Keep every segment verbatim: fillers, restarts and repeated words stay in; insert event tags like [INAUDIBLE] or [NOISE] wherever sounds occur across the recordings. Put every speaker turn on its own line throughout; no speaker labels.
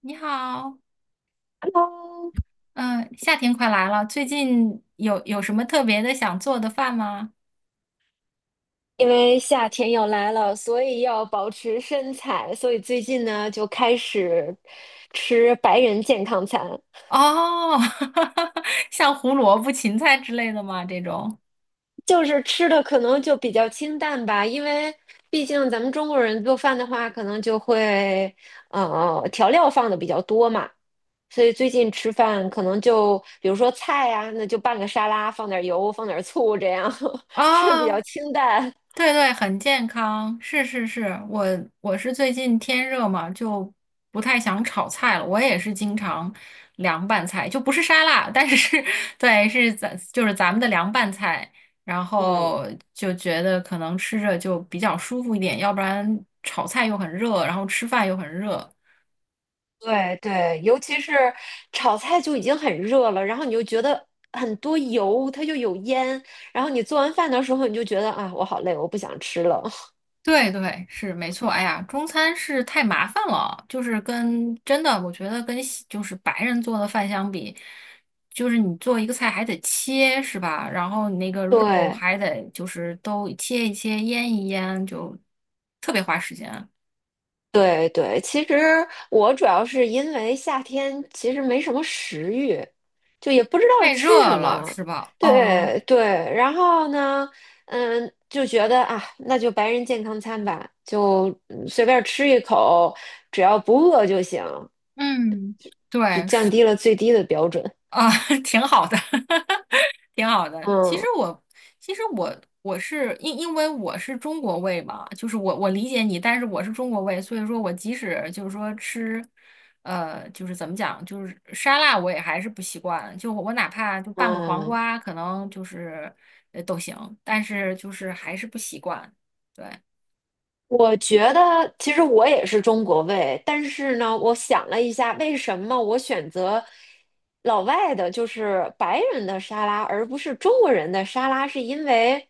你好，嗯，夏天快来了，最近有有什么特别的想做的饭吗？
因为夏天要来了，所以要保持身材，所以最近呢就开始吃白人健康餐，
哦，[LAUGHS] 像胡萝卜、芹菜之类的吗？这种？
就是吃的可能就比较清淡吧，因为毕竟咱们中国人做饭的话，可能就会呃调料放的比较多嘛，所以最近吃饭可能就比如说菜呀、那就拌个沙拉，放点油，放点醋，这样 [LAUGHS] 吃的比较
哦
清淡。
对对，很健康，是是是，我我是最近天热嘛，就不太想炒菜了。我也是经常凉拌菜，就不是沙拉，但是是 [LAUGHS] 对，是咱就是咱们的凉拌菜，然
嗯，
后就觉得可能吃着就比较舒服一点，要不然炒菜又很热，然后吃饭又很热，
对对，尤其是炒菜就已经很热了，然后你就觉得很多油，它就有烟，然后你做完饭的时候，你就觉得啊，我好累，我不想吃了。[LAUGHS]
对对，是没错。哎呀，中餐是太麻烦了，就是跟真的，我觉得跟西就是白人做的饭相比，就是你做一个菜还得切，是吧？然后你那个肉
对
还得就是都切一切、腌一腌，就特别花时间，
对对，其实我主要是因为夏天其实没什么食欲，就也不知道
太
吃
热
什
了，
么。
是吧？嗯
对对，然后呢，嗯，就觉得啊，那就白人健康餐吧，就嗯随便吃一口，只要不饿就行。
嗯，
就
对，
降
是
低了最低的标准。
啊，[LAUGHS] 挺好的。[LAUGHS] 挺好的。其实
嗯
我，其实我我是因因为我是中国胃嘛，就是我我理解你，但是我是中国胃，所以说我即使就是说吃，呃，就是怎么讲，就是沙拉我也还是不习惯。就我哪怕就拌个黄
嗯，
瓜，可能就是呃都行，但是就是还是不习惯。对
我觉得其实我也是中国胃，但是呢，我想了一下，为什么我选择老外的，就是白人的沙拉，而不是中国人的沙拉，是因为，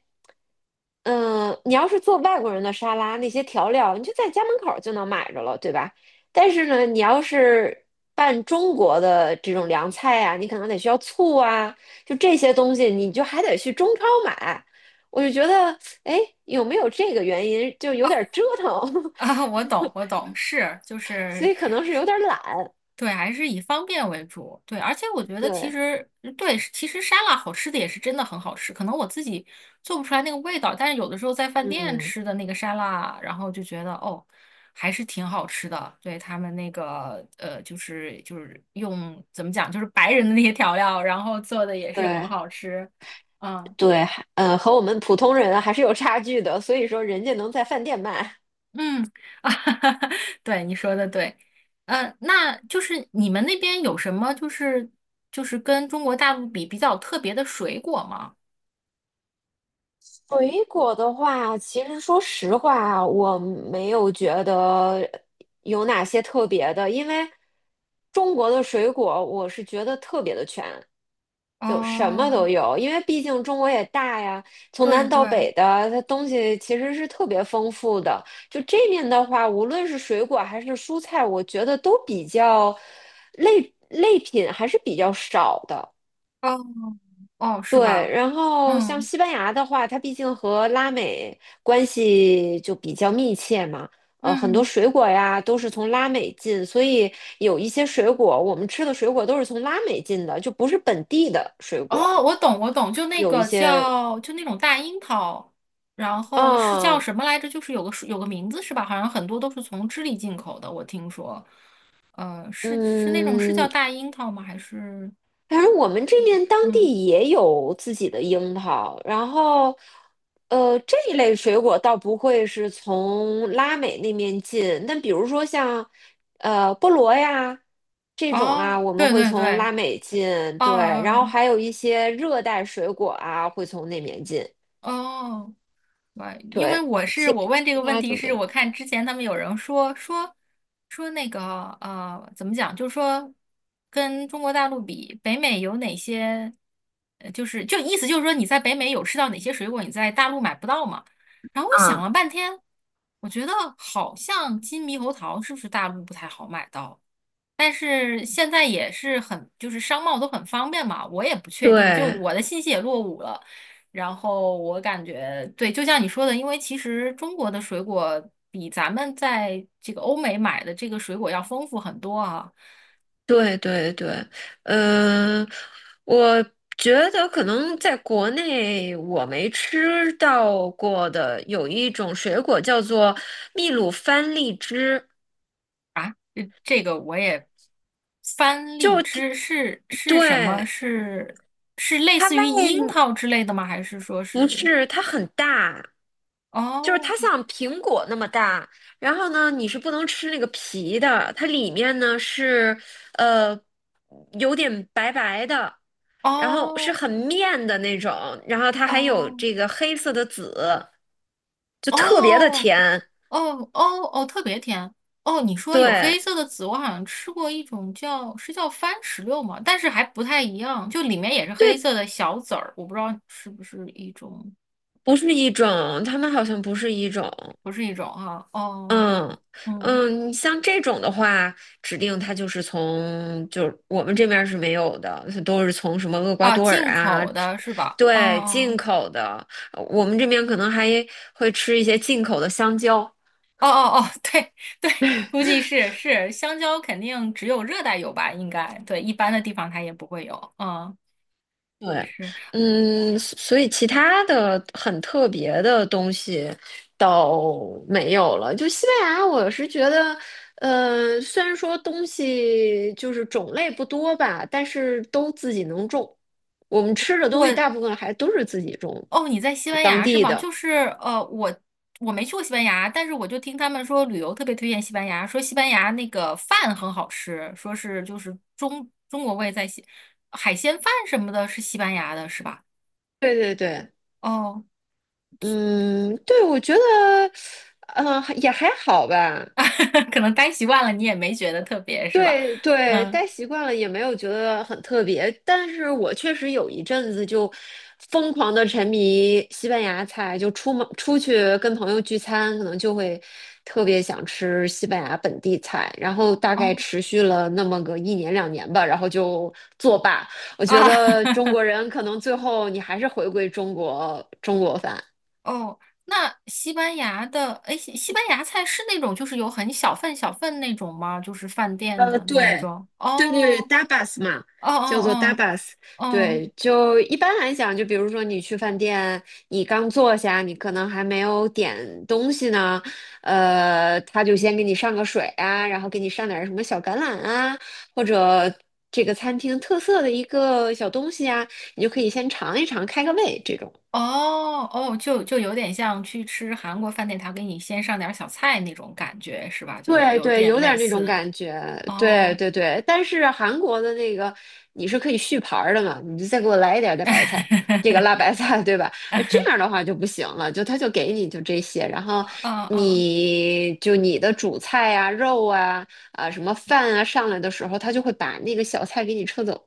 嗯、你要是做外国人的沙拉，那些调料你就在家门口就能买着了，对吧？但是呢，你要是拌中国的这种凉菜啊，你可能得需要醋啊，就这些东西，你就还得去中超买。我就觉得。哎，有没有这个原因？就有点折腾，
[LAUGHS] 啊，我懂，我懂，是就
[LAUGHS] 所
是
以可能是有点懒。
对，还是以方便为主。对，而且我觉得其
对，
实嗯对，其实沙拉好吃的也是真的很好吃。可能我自己做不出来那个味道，但是有的时候在饭店
嗯，
吃的那个沙拉，然后就觉得哦，还是挺好吃的。对，他们那个呃，就是就是用怎么讲，就是白人的那些调料，然后做的也是很
对
好吃。嗯。
对，还呃，和我们普通人还是有差距的。所以说，人家能在饭店卖，
嗯，[LAUGHS] 啊，对，你说的对，呃，那就是你们那边有什么就是就是跟中国大陆比比较特别的水果吗？
水果的话，其实说实话，我没有觉得有哪些特别的，因为中国的水果我是觉得特别的全，就什么
哦，
都有。因为毕竟中国也大呀，从
对
南到
对，
北的，它东西其实是特别丰富的。就这面的话，无论是水果还是蔬菜，我觉得都比较类类品还是比较少的。
哦哦，是
对，
吧？
然后像
嗯
西班牙的话，它毕竟和拉美关系就比较密切嘛，呃，很多
嗯，
水果呀都是从拉美进，所以有一些水果我们吃的水果都是从拉美进的，就不是本地的水
哦，
果。
我懂我懂，就那
有一
个
些，
叫就那种大樱桃，然后是叫
嗯
什么来着？就是有个有个名字是吧？好像很多都是从智利进口的，我听说，呃，是是那种是叫
嗯，
大樱桃吗？还是？
反正我们这边当
嗯。
地也有自己的樱桃，然后，呃，这一类水果倒不会是从拉美那边进，但比如说像，呃，菠萝呀这种啊，
哦，
我们
对
会
对
从
对，
拉美进，
哦
对，然后
哦，
还有一些热带水果啊，会从那边进，
哦哦对，因为
对，
我是
其
我问
其
这个问
他
题
就没
是
有。
我看之前他们有人说说说那个呃怎么讲，就是说跟中国大陆比，北美有哪些，呃就是就意思就是说你在北美有吃到哪些水果，你在大陆买不到嘛？然后我想
嗯，
了半天，我觉得好像金猕猴桃是不是大陆不太好买到？但是现在也是很，就是商贸都很方便嘛，我也不确定，就
对，
我的信息也落伍了。然后我感觉，对，就像你说的，因为其实中国的水果比咱们在这个欧美买的这个水果要丰富很多啊
对对对，嗯，我觉得可能在国内我没吃到过的，有一种水果叫做秘鲁番荔枝，
啊！这这个我也番荔
就它
枝是是什么？
对
是是类
它
似于
外
樱桃之类的吗？还是说
不
是？
是，它很大，就是它
哦
像苹果那么大。然后呢，你是不能吃那个皮的，它里面呢是呃有点白白的，然后是
哦
很面的那种，然后它还有
哦
这个黑色的籽，就特别的
哦，
甜。
哦哦哦，特别甜。哦，你说有黑
对
色的籽，我好像吃过一种叫是叫番石榴嘛，但是还不太一样，就里面也是黑
对，
色的小籽儿，我不知道是不是一种，
不是一种，它们好像不是一种。
不是一种哈、哦，
嗯
嗯，
嗯，你像这种的话，指定它就是从，就是我们这边儿是没有的，都是从什么厄瓜
啊，
多尔
进
啊，
口
吃
的是吧？
对，进
哦
口的。呃我们这边可能还会吃一些进口的香蕉，
哦哦哦，[LAUGHS] 对对，估计是是，香蕉肯定只有热带有吧？应该对，一般的地方它也不会有。嗯，
对，
是。
嗯，所所以其他的很特别的东西倒没有了。就西班牙，我是觉得，呃，虽然说东西就是种类不多吧，但是都自己能种。我们吃的东西
我。
大部分还都是自己种，
哦，你在西
就
班
当
牙是
地
吗？就
的。
是呃，我我没去过西班牙，但是我就听他们说旅游特别推荐西班牙，说西班牙那个饭很好吃，说是就是中中国味在西，海鲜饭什么的是西班牙的，是吧？
对对对，
哦，
嗯，对，我觉得，呃，也还好吧。
[LAUGHS] 可能待习惯了，你也没觉得特别，是吧？
对对，
嗯，
待习惯了也没有觉得很特别，但是我确实有一阵子就疯狂的沉迷西班牙菜，就出门出去跟朋友聚餐，可能就会特别想吃西班牙本地菜，然后大
哦
概持续了那么个一年两年吧，然后就作罢。我觉
啊，
得中
[LAUGHS]
国人可能最后你还是回归中国中国饭。
哦，那西班牙的，哎，西西班牙菜是那种就是有很小份小份那种吗？就是饭店
呃，
的那
对，
种？哦，
对对对
哦
，Dabas 嘛，叫做
哦哦。
Dabas。
哦
对，就一般来讲，就比如说你去饭店，你刚坐下，你可能还没有点东西呢，呃，他就先给你上个水啊，然后给你上点儿什么小橄榄啊，或者这个餐厅特色的一个小东西啊，你就可以先尝一尝，开个胃这种。
哦哦，就就有点像去吃韩国饭店，他给你先上点儿小菜那种感觉，是吧？就
对
有
对，
点
有
类
点那种
似。
感觉，对
哦，
对对。但是韩国的那个你是可以续盘儿的嘛，你就再给我来一点儿的白菜，这个辣
[LAUGHS]
白菜，对吧？呃这样的话就不行了，就他就给你就这些，然后
嗯嗯，
你就你的主菜啊、肉啊、啊什么饭啊上来的时候，他就会把那个小菜给你撤走。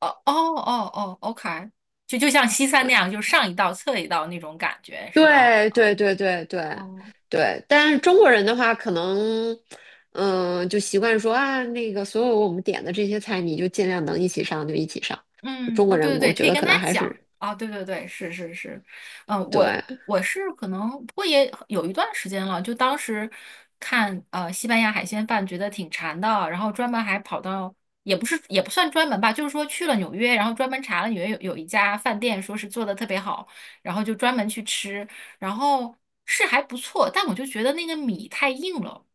哦哦哦哦，OK，就就像西餐那样，就上一道侧一道那种感觉，是吧？
对对对对对
哦。
对，但是中国人的话，可能嗯，就习惯说啊，那个所有我们点的这些菜，你就尽量能一起上就一起上。
嗯，
中国
哦，对
人
对
我
对，可
觉
以
得
跟
可
他
能还
讲
是
啊，对对对，是是是，嗯、我
对，
我是可能，不过也有一段时间了，就当时看呃西班牙海鲜饭觉得挺馋的，然后专门还跑到，也不是也不算专门吧，就是说去了纽约，然后专门查了纽约有有一家饭店，说是做的特别好，然后就专门去吃，然后是还不错，但我就觉得那个米太硬了。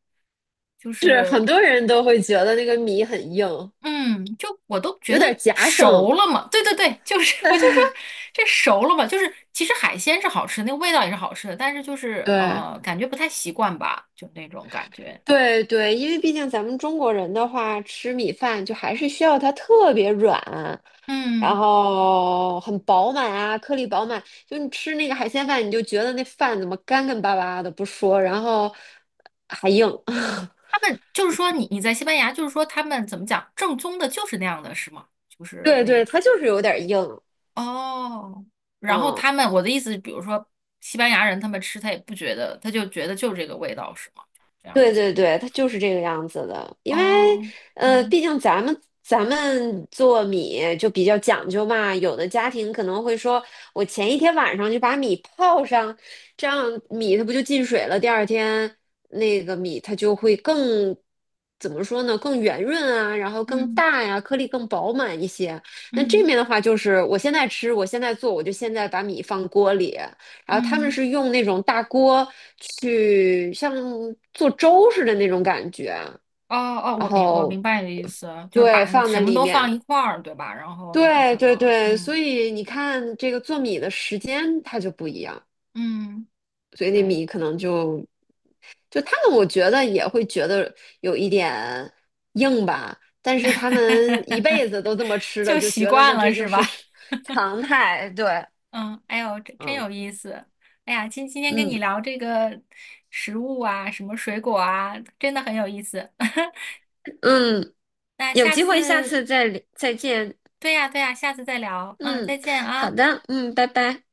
就
是
是
很多人都会觉得那个米很硬，
嗯，就我都觉
有点
得
夹
熟
生。
了嘛，对对对，就是 [LAUGHS] 我就说
[LAUGHS]
这熟了嘛，就是其实海鲜是好吃的那个味道也是好吃的，但是就是
对
呃，感觉不太习惯吧，就那种感觉。
对对，因为毕竟咱们中国人的话，吃米饭就还是需要它特别软，然
嗯，
后很饱满啊，颗粒饱满。就你吃那个海鲜饭，你就觉得那饭怎么干干巴巴的不说，然后还硬。[LAUGHS]
他们就是说你你在西班牙，就是说他们怎么讲，正宗的就是那样的，是吗？就是
对
那个
对，它就是有点硬。
哦，然后
嗯，
他们我的意思，比如说西班牙人他们吃，他也不觉得，他就觉得就是这个味道，是吗？这样
对
子。
对对，它就是这个样子的，因为
哦，
呃，
嗯
毕竟咱们咱们做米就比较讲究嘛，有的家庭可能会说，我前一天晚上就把米泡上，这样米它不就进水了？第二天那个米它就会更怎么说呢？更圆润啊，然后更
嗯
大呀，颗粒更饱满一些。那这
嗯
面的话就是，我现在吃，我现在做，我就现在把米放锅里。然后他们
嗯。
是用那种大锅去像做粥似的那种感觉，
哦哦，
然
我明我明
后
白你的意思，就是把
对放
什
在
么
里
都放一
面，
块儿，对吧？然后那
对
什
对
么，
对，
嗯
所以你看这个做米的时间它就不一样，
嗯，
所以那
对，
米可能就就他们我觉得也会觉得有一点硬吧，但是他们一
[LAUGHS]
辈子都这么吃的，
就
就
习
觉得呢
惯了
这就
是吧？
是
[LAUGHS]
常态，对，
嗯，哎呦，真真
嗯
有意思。哎呀，今今天跟你
嗯
聊这个食物啊，什么水果啊，真的很有意思。[LAUGHS]
嗯，
那
有
下
机会下
次，
次再聊再见。
对呀对呀，下次再聊。嗯，再
嗯，
见
好
啊。
的，嗯，拜拜。